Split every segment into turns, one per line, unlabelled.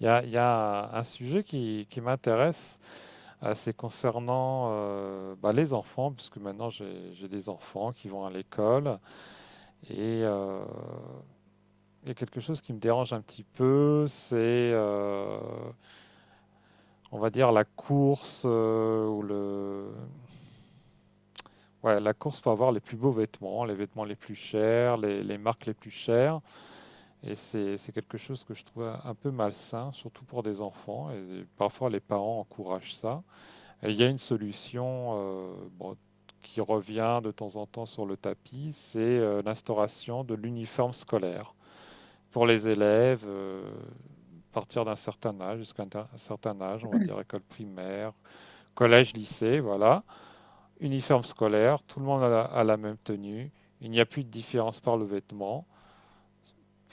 Il y a un sujet qui m'intéresse, c'est concernant, bah, les enfants, puisque maintenant j'ai des enfants qui vont à l'école. Et il y a quelque chose qui me dérange un petit peu, c'est, on va dire, la course, ou ouais, la course pour avoir les plus beaux vêtements les plus chers, les marques les plus chères. Et c'est quelque chose que je trouve un peu malsain, surtout pour des enfants. Et parfois les parents encouragent ça. Et il y a une solution, bon, qui revient de temps en temps sur le tapis, c'est, l'instauration de l'uniforme scolaire pour les élèves, à partir d'un certain âge, jusqu'à un certain âge, on va dire école primaire, collège, lycée, voilà. Uniforme scolaire, tout le monde a a la même tenue, il n'y a plus de différence par le vêtement.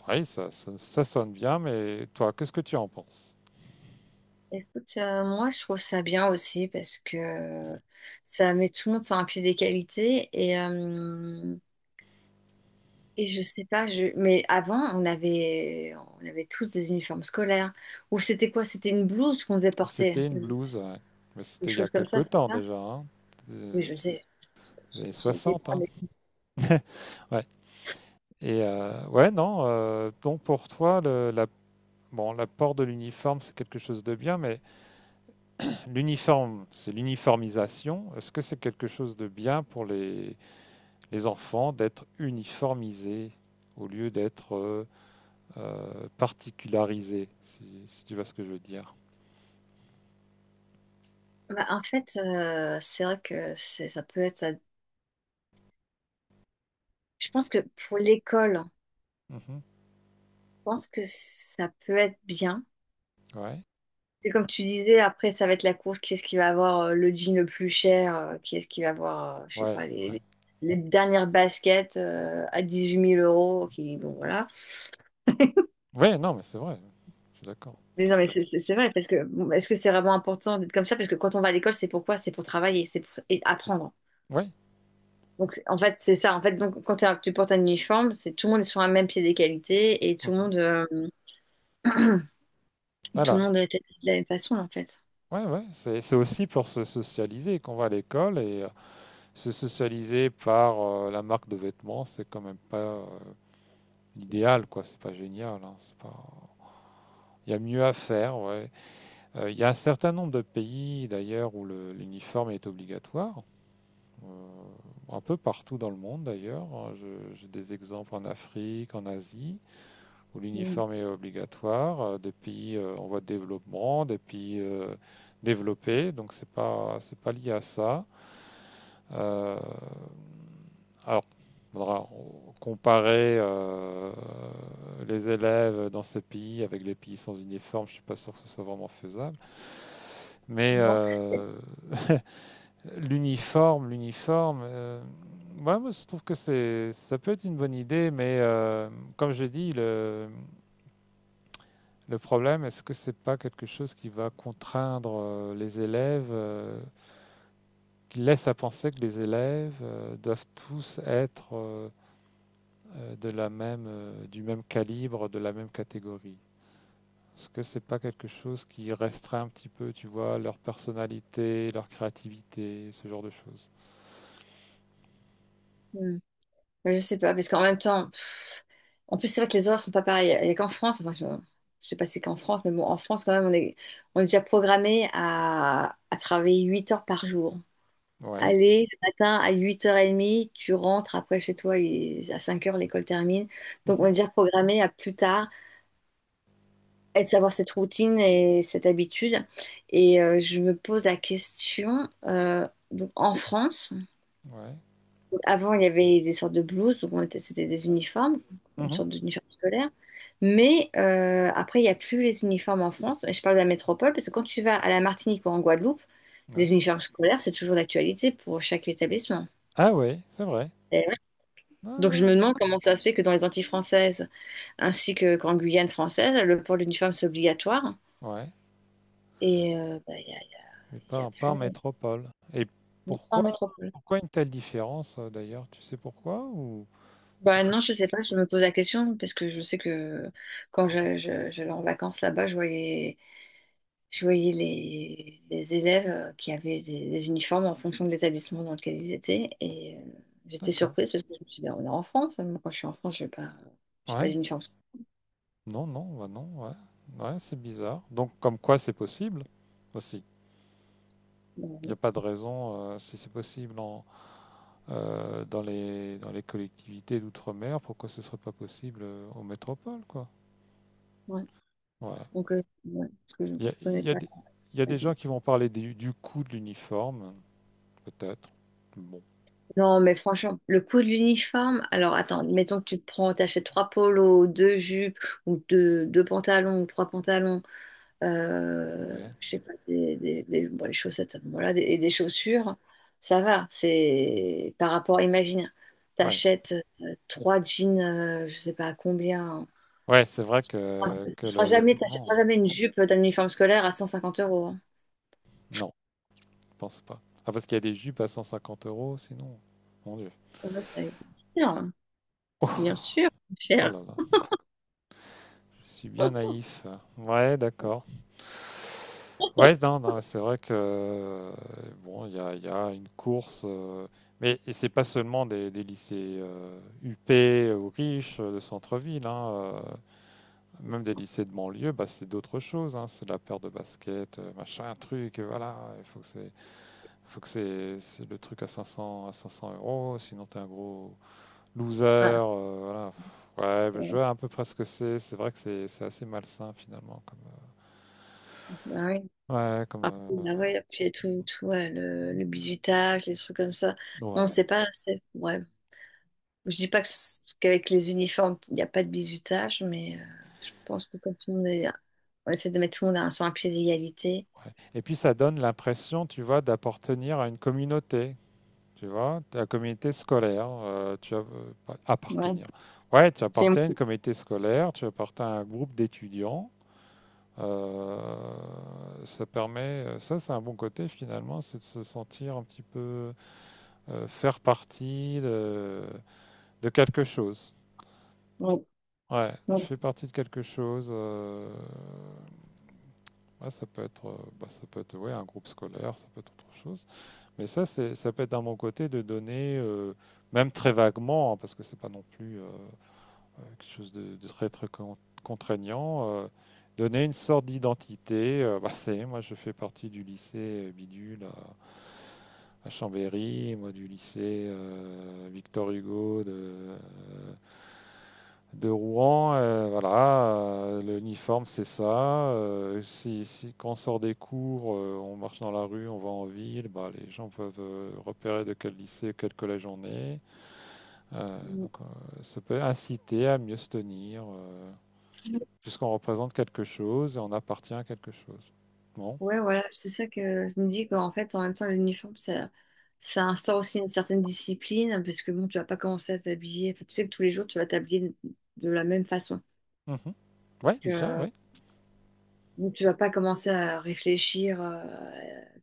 Oui, ça sonne bien, mais toi, qu'est-ce que tu en penses?
Écoute, moi je trouve ça bien aussi parce que ça met tout le monde sur un pied d'égalité et je sais pas je mais avant on avait tous des uniformes scolaires ou c'était quoi? C'était une blouse qu'on devait porter
C'était une blouse, hein, mais
des
c'était il y a
choses comme
quelque
ça c'est
temps
ça?
déjà, hein,
Oui
des
je sais
des années
j'étais pas
60.
avec.
Ouais. Ouais, non, donc pour toi, le, la, l'apport de l'uniforme, c'est quelque chose de bien, mais l'uniforme, c'est l'uniformisation. Est-ce que c'est quelque chose de bien pour les enfants d'être uniformisés au lieu d'être, particularisés, si tu vois ce que je veux dire?
En fait, c'est vrai que c'est ça peut être, je pense que pour l'école
Mhm.
je pense que ça peut être bien.
Ouais,
C'est comme tu disais, après, ça va être la course. Qui est-ce qui va avoir le jean le plus cher? Qui est-ce qui va avoir, je sais
ouais,
pas,
ouais.
les dernières baskets à huit mille euros? Qui, bon, voilà.
Ouais, non, mais c'est vrai. Je suis d'accord.
Mais non, mais c'est vrai, parce que bon, est-ce que c'est vraiment important d'être comme ça? Parce que quand on va à l'école, c'est pourquoi? C'est pour travailler, c'est pour et apprendre.
Ouais.
En fait, c'est ça. En fait, donc, quand tu portes un uniforme, c'est tout le monde est sur un même pied d'égalité et
Mhm.
tout le
Voilà.
monde est de la même façon, en fait.
Ouais, ouais. C'est aussi pour se socialiser qu'on va à l'école et, se socialiser par, la marque de vêtements, c'est quand même pas, l'idéal, quoi. C'est pas génial, hein, c'est pas... il y a mieux à faire, ouais. Il y a un certain nombre de pays, d'ailleurs, où l'uniforme est obligatoire. Euh, un peu partout dans le monde, d'ailleurs, hein. J'ai des exemples en Afrique, en Asie, où
Mm.
l'uniforme est obligatoire. Des pays, en voie de développement, des pays, développés. Donc, c'est pas lié à ça. Euh, alors, il faudra comparer, les élèves dans ces pays avec les pays sans uniforme. Je ne suis pas sûr que ce soit vraiment faisable. Mais,
Non.
l'uniforme, l'uniforme, euh, ouais, moi je trouve que c'est, ça peut être une bonne idée, mais, comme je dis, le problème, est-ce que c'est pas quelque chose qui va contraindre, les élèves, qui laisse à penser que les élèves, doivent tous être, de la même, du même calibre, de la même catégorie. Est-ce que c'est pas quelque chose qui restreint un petit peu, tu vois, leur personnalité, leur créativité, ce genre de choses?
Mm. Je sais pas, parce qu'en même temps. En plus, c'est vrai que les horaires sont pas pareils. Il n'y a qu'en France, je sais pas si c'est qu'en France, mais bon, en France, quand même, on est déjà programmé à travailler 8 heures par jour.
Ouais,
Aller le matin à 8h30, tu rentres après chez toi à 5 heures l'école termine. Donc, on
mhm,
est déjà programmé à plus tard, à savoir cette routine et cette habitude. Et je me pose la question, donc, en France,
ouais,
avant, il y avait des sortes de blouses, donc c'était des uniformes, une
mhm,
sorte d'uniforme scolaire. Mais après, il n'y a plus les uniformes en France. Et je parle de la métropole, parce que quand tu vas à la Martinique ou en Guadeloupe, des
ouais.
uniformes scolaires, c'est toujours d'actualité pour chaque établissement.
Ah ouais, c'est vrai.
Et ouais. Donc je
Ah,
me demande comment ça se fait que dans les Antilles françaises, ainsi que qu'en Guyane française, le port de l'uniforme, c'est obligatoire.
ouais,
Et bah,
mais
il y a
pas, pas en
plus...
métropole. Et
Non, pas en
pourquoi,
métropole.
pourquoi une telle différence, d'ailleurs? Tu sais pourquoi
Bah non, je sais pas, je me pose la question parce que je sais que quand j'allais en vacances là-bas, je voyais. Je voyais les élèves qui avaient des uniformes en fonction de l'établissement dans lequel ils étaient. Et j'étais
d'accord.
surprise parce que je me suis dit, ben, on est en France, hein. Moi, quand je suis en France, je n'ai pas, j'ai pas
Ouais.
d'uniforme
Non, non, bah non, ouais. Ouais, c'est bizarre. Donc, comme quoi c'est possible aussi. Il n'y
scolaire.
a pas de raison, si c'est possible en, dans dans les collectivités d'outre-mer, pourquoi ce ne serait pas possible, en métropole, quoi.
Ouais.
Ouais.
Donc, ouais, parce que je ne
Il y a, il
connais
y a
pas.
des, il y a des
Vas-y.
gens qui vont parler du, coût de l'uniforme, peut-être. Bon,
Non, mais franchement, le coût de l'uniforme, alors attends, mettons que t'achètes trois polos, deux jupes ou deux pantalons ou trois pantalons,
ouais.
je sais pas, bon, les chaussettes, voilà, des, et des chaussures, ça va. C'est par rapport, imagine,
Ouais,
t'achètes trois jeans, je sais pas à combien.
ouais, c'est vrai
Ah,
que,
ça
que
sera
le
jamais,
vêtement.
t'achèteras jamais une jupe d'un uniforme scolaire à 150 euros, hein.
Non, je pense pas. Ah, parce qu'il y a des jupes à 150 euros, sinon. Mon Dieu.
Ouais, ça va être cher, hein. Bien
Oh,
sûr,
oh
cher.
là là. Je suis bien naïf. Ouais, d'accord. Ouais, non, non, c'est vrai que, bon, il y a une course, mais et c'est pas seulement des lycées, huppés ou riches, de centre-ville, hein, même des lycées de banlieue, bah, c'est d'autres choses, hein, c'est de la paire de basket, machin, truc, voilà, il faut que c'est le truc à 500, à 500 euros, sinon t'es un gros, loser,
Ah,
voilà. Ouais, bah, je
ouais.
vois à peu près ce que c'est. C'est vrai que c'est assez malsain finalement.
Ah ouais.
Euh, ouais, comme,
Ah, ah
euh,
ouais, puis tout ouais, le bizutage, les trucs comme ça. Non,
ouais,
c'est pas, c'est, ouais, je dis pas que qu'avec les uniformes, il n'y a pas de bizutage, mais je pense que comme tout le monde est, on essaie de mettre tout le monde à- sur un pied d'égalité.
ouais. Et puis ça donne l'impression, tu vois, d'appartenir à une communauté, tu vois, à la communauté scolaire, tu as, pas-
Ouais,
appartenir. Ouais, tu
c'est...
appartiens à une communauté scolaire, tu appartiens à un groupe d'étudiants, ça permet, ça c'est un bon côté finalement, c'est de se sentir un petit peu, faire partie de quelque chose.
Ouais,
Ouais,
ouais.
tu fais partie de quelque chose, ouais, ça peut être, bah, ça peut être ouais, un groupe scolaire, ça peut être autre chose. Mais ça, c'est, ça peut être d'un bon côté de donner, même très vaguement, hein, parce que c'est pas non plus, quelque chose de très très contraignant, donner une sorte d'identité, bah, c'est, moi je fais partie du lycée, Bidule à Chambéry, moi du lycée, Victor Hugo de Rouen, voilà, l'uniforme c'est ça. Quand on sort des cours, on marche dans la rue, on va en ville, bah, les gens peuvent, repérer de quel lycée, quel collège on est. Donc, ça peut inciter à mieux se tenir, puisqu'on représente quelque chose et on appartient à quelque chose. Bon.
Ouais, voilà, c'est ça que je me dis qu'en fait, en même temps, l'uniforme, ça instaure aussi une certaine discipline, parce que bon, tu vas pas commencer à t'habiller. Enfin, tu sais que tous les jours, tu vas t'habiller de la même façon.
Mhm. Ouais, déjà, ouais.
Donc, tu vas pas commencer à réfléchir,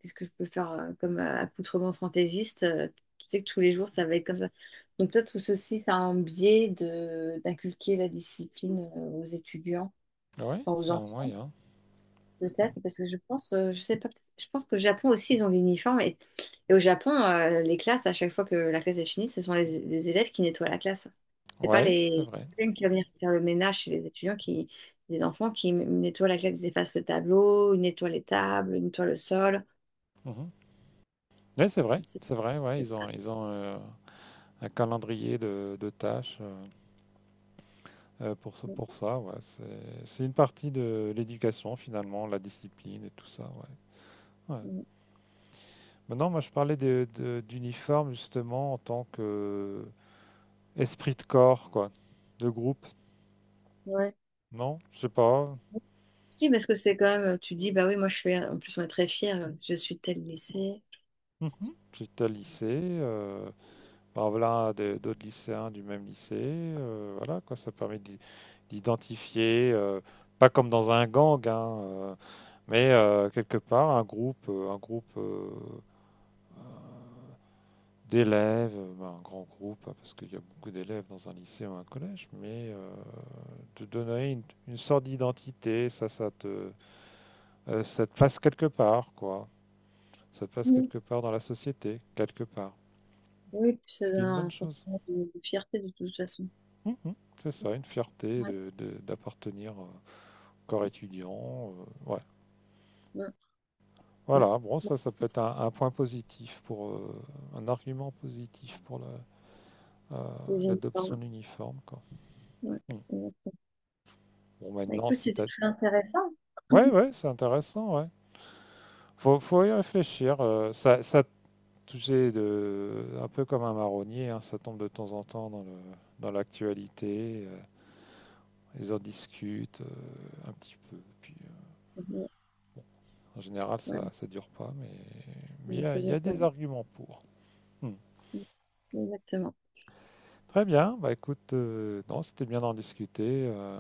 qu'est-ce que je peux faire comme accoutrement fantaisiste. Tu sais que tous les jours, ça va être comme ça. Donc, toi, tout ceci, ça a un biais de d'inculquer la discipline aux étudiants,
Ouais,
enfin, aux
c'est un
enfants.
moyen. Mm.
Peut-être, parce que je pense, je sais pas, je pense qu'au Japon aussi, ils ont l'uniforme. Et au Japon, les classes, à chaque fois que la classe est finie, ce sont les élèves qui nettoient la classe. C'est pas
Ouais, c'est
les
vrai.
une qui va venir faire le ménage chez les étudiants, qui, les enfants qui nettoient la classe, ils effacent le tableau, ils nettoient les tables, ils nettoient le sol.
Mhm. Ouais, c'est vrai.
C'est-
C'est vrai, ouais,
c'est
ils ont,
pas-
ils ont un calendrier de tâches, pour ça, ouais. C'est une partie de l'éducation, finalement, la discipline et tout ça, ouais. Ouais. Maintenant, moi, je parlais d'uniforme, justement, en tant que esprit de corps, quoi, de groupe.
Ouais.
Non, je sais pas.
Si, parce que c'est quand même, tu dis, bah oui, moi je suis, en plus on est très fiers, je suis tel lycée.
Mhm. J'étais à lycée, bah, voilà, d'autres lycéens du même lycée, voilà, quoi, ça permet d'identifier, pas comme dans un gang, hein, mais, quelque part un groupe, un groupe, d'élèves, bah, un grand groupe, hein, parce qu'il y a beaucoup d'élèves dans un lycée ou un collège, mais, te donner une sorte d'identité, ça te place quelque part, quoi. Ça te passe
Oui,
quelque part dans la société, quelque part.
Oui, puis ça
Ce qui est
donne
une bonne
un
chose.
sentiment de fierté de toute façon.
Mhm. C'est ça, une fierté
Ouais,
d'appartenir, au corps étudiant, ouais.
ouais, ouais.
Voilà, bon,
Bon,
ça peut être
c'est
un point positif pour, un argument positif pour euh,
une
l'adoption
forme.
de l'uniforme, quoi.
Ouais,
Mm.
exactement.
Bon,
Bah,
maintenant,
écoute,
si
c'était
t'as.
très intéressant.
Ouais, ouais, c'est intéressant, ouais. Faut y réfléchir, ça tu sais, de, un peu comme un marronnier, hein, ça tombe de temps en temps dans l'actualité, ils en discutent, un petit peu. Puis,
Ouais,
en général, ça
ouais.
ne dure pas, mais
Non, ça
il y
dure
a
pas
des
long.
arguments pour. Hmm.
Exactement.
Très bien, bah écoute, non, c'était bien d'en discuter,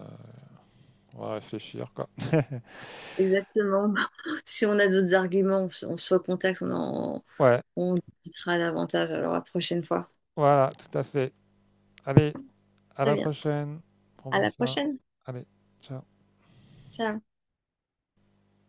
on va réfléchir, quoi.
Exactement. Si on a d'autres arguments, on se recontacte,
Ouais,
on discutera davantage alors la prochaine fois.
voilà, tout à fait. Allez, à
Très
la
bien.
prochaine. Prends
À
bien
la
ça.
prochaine.
Allez, ciao.
Ciao.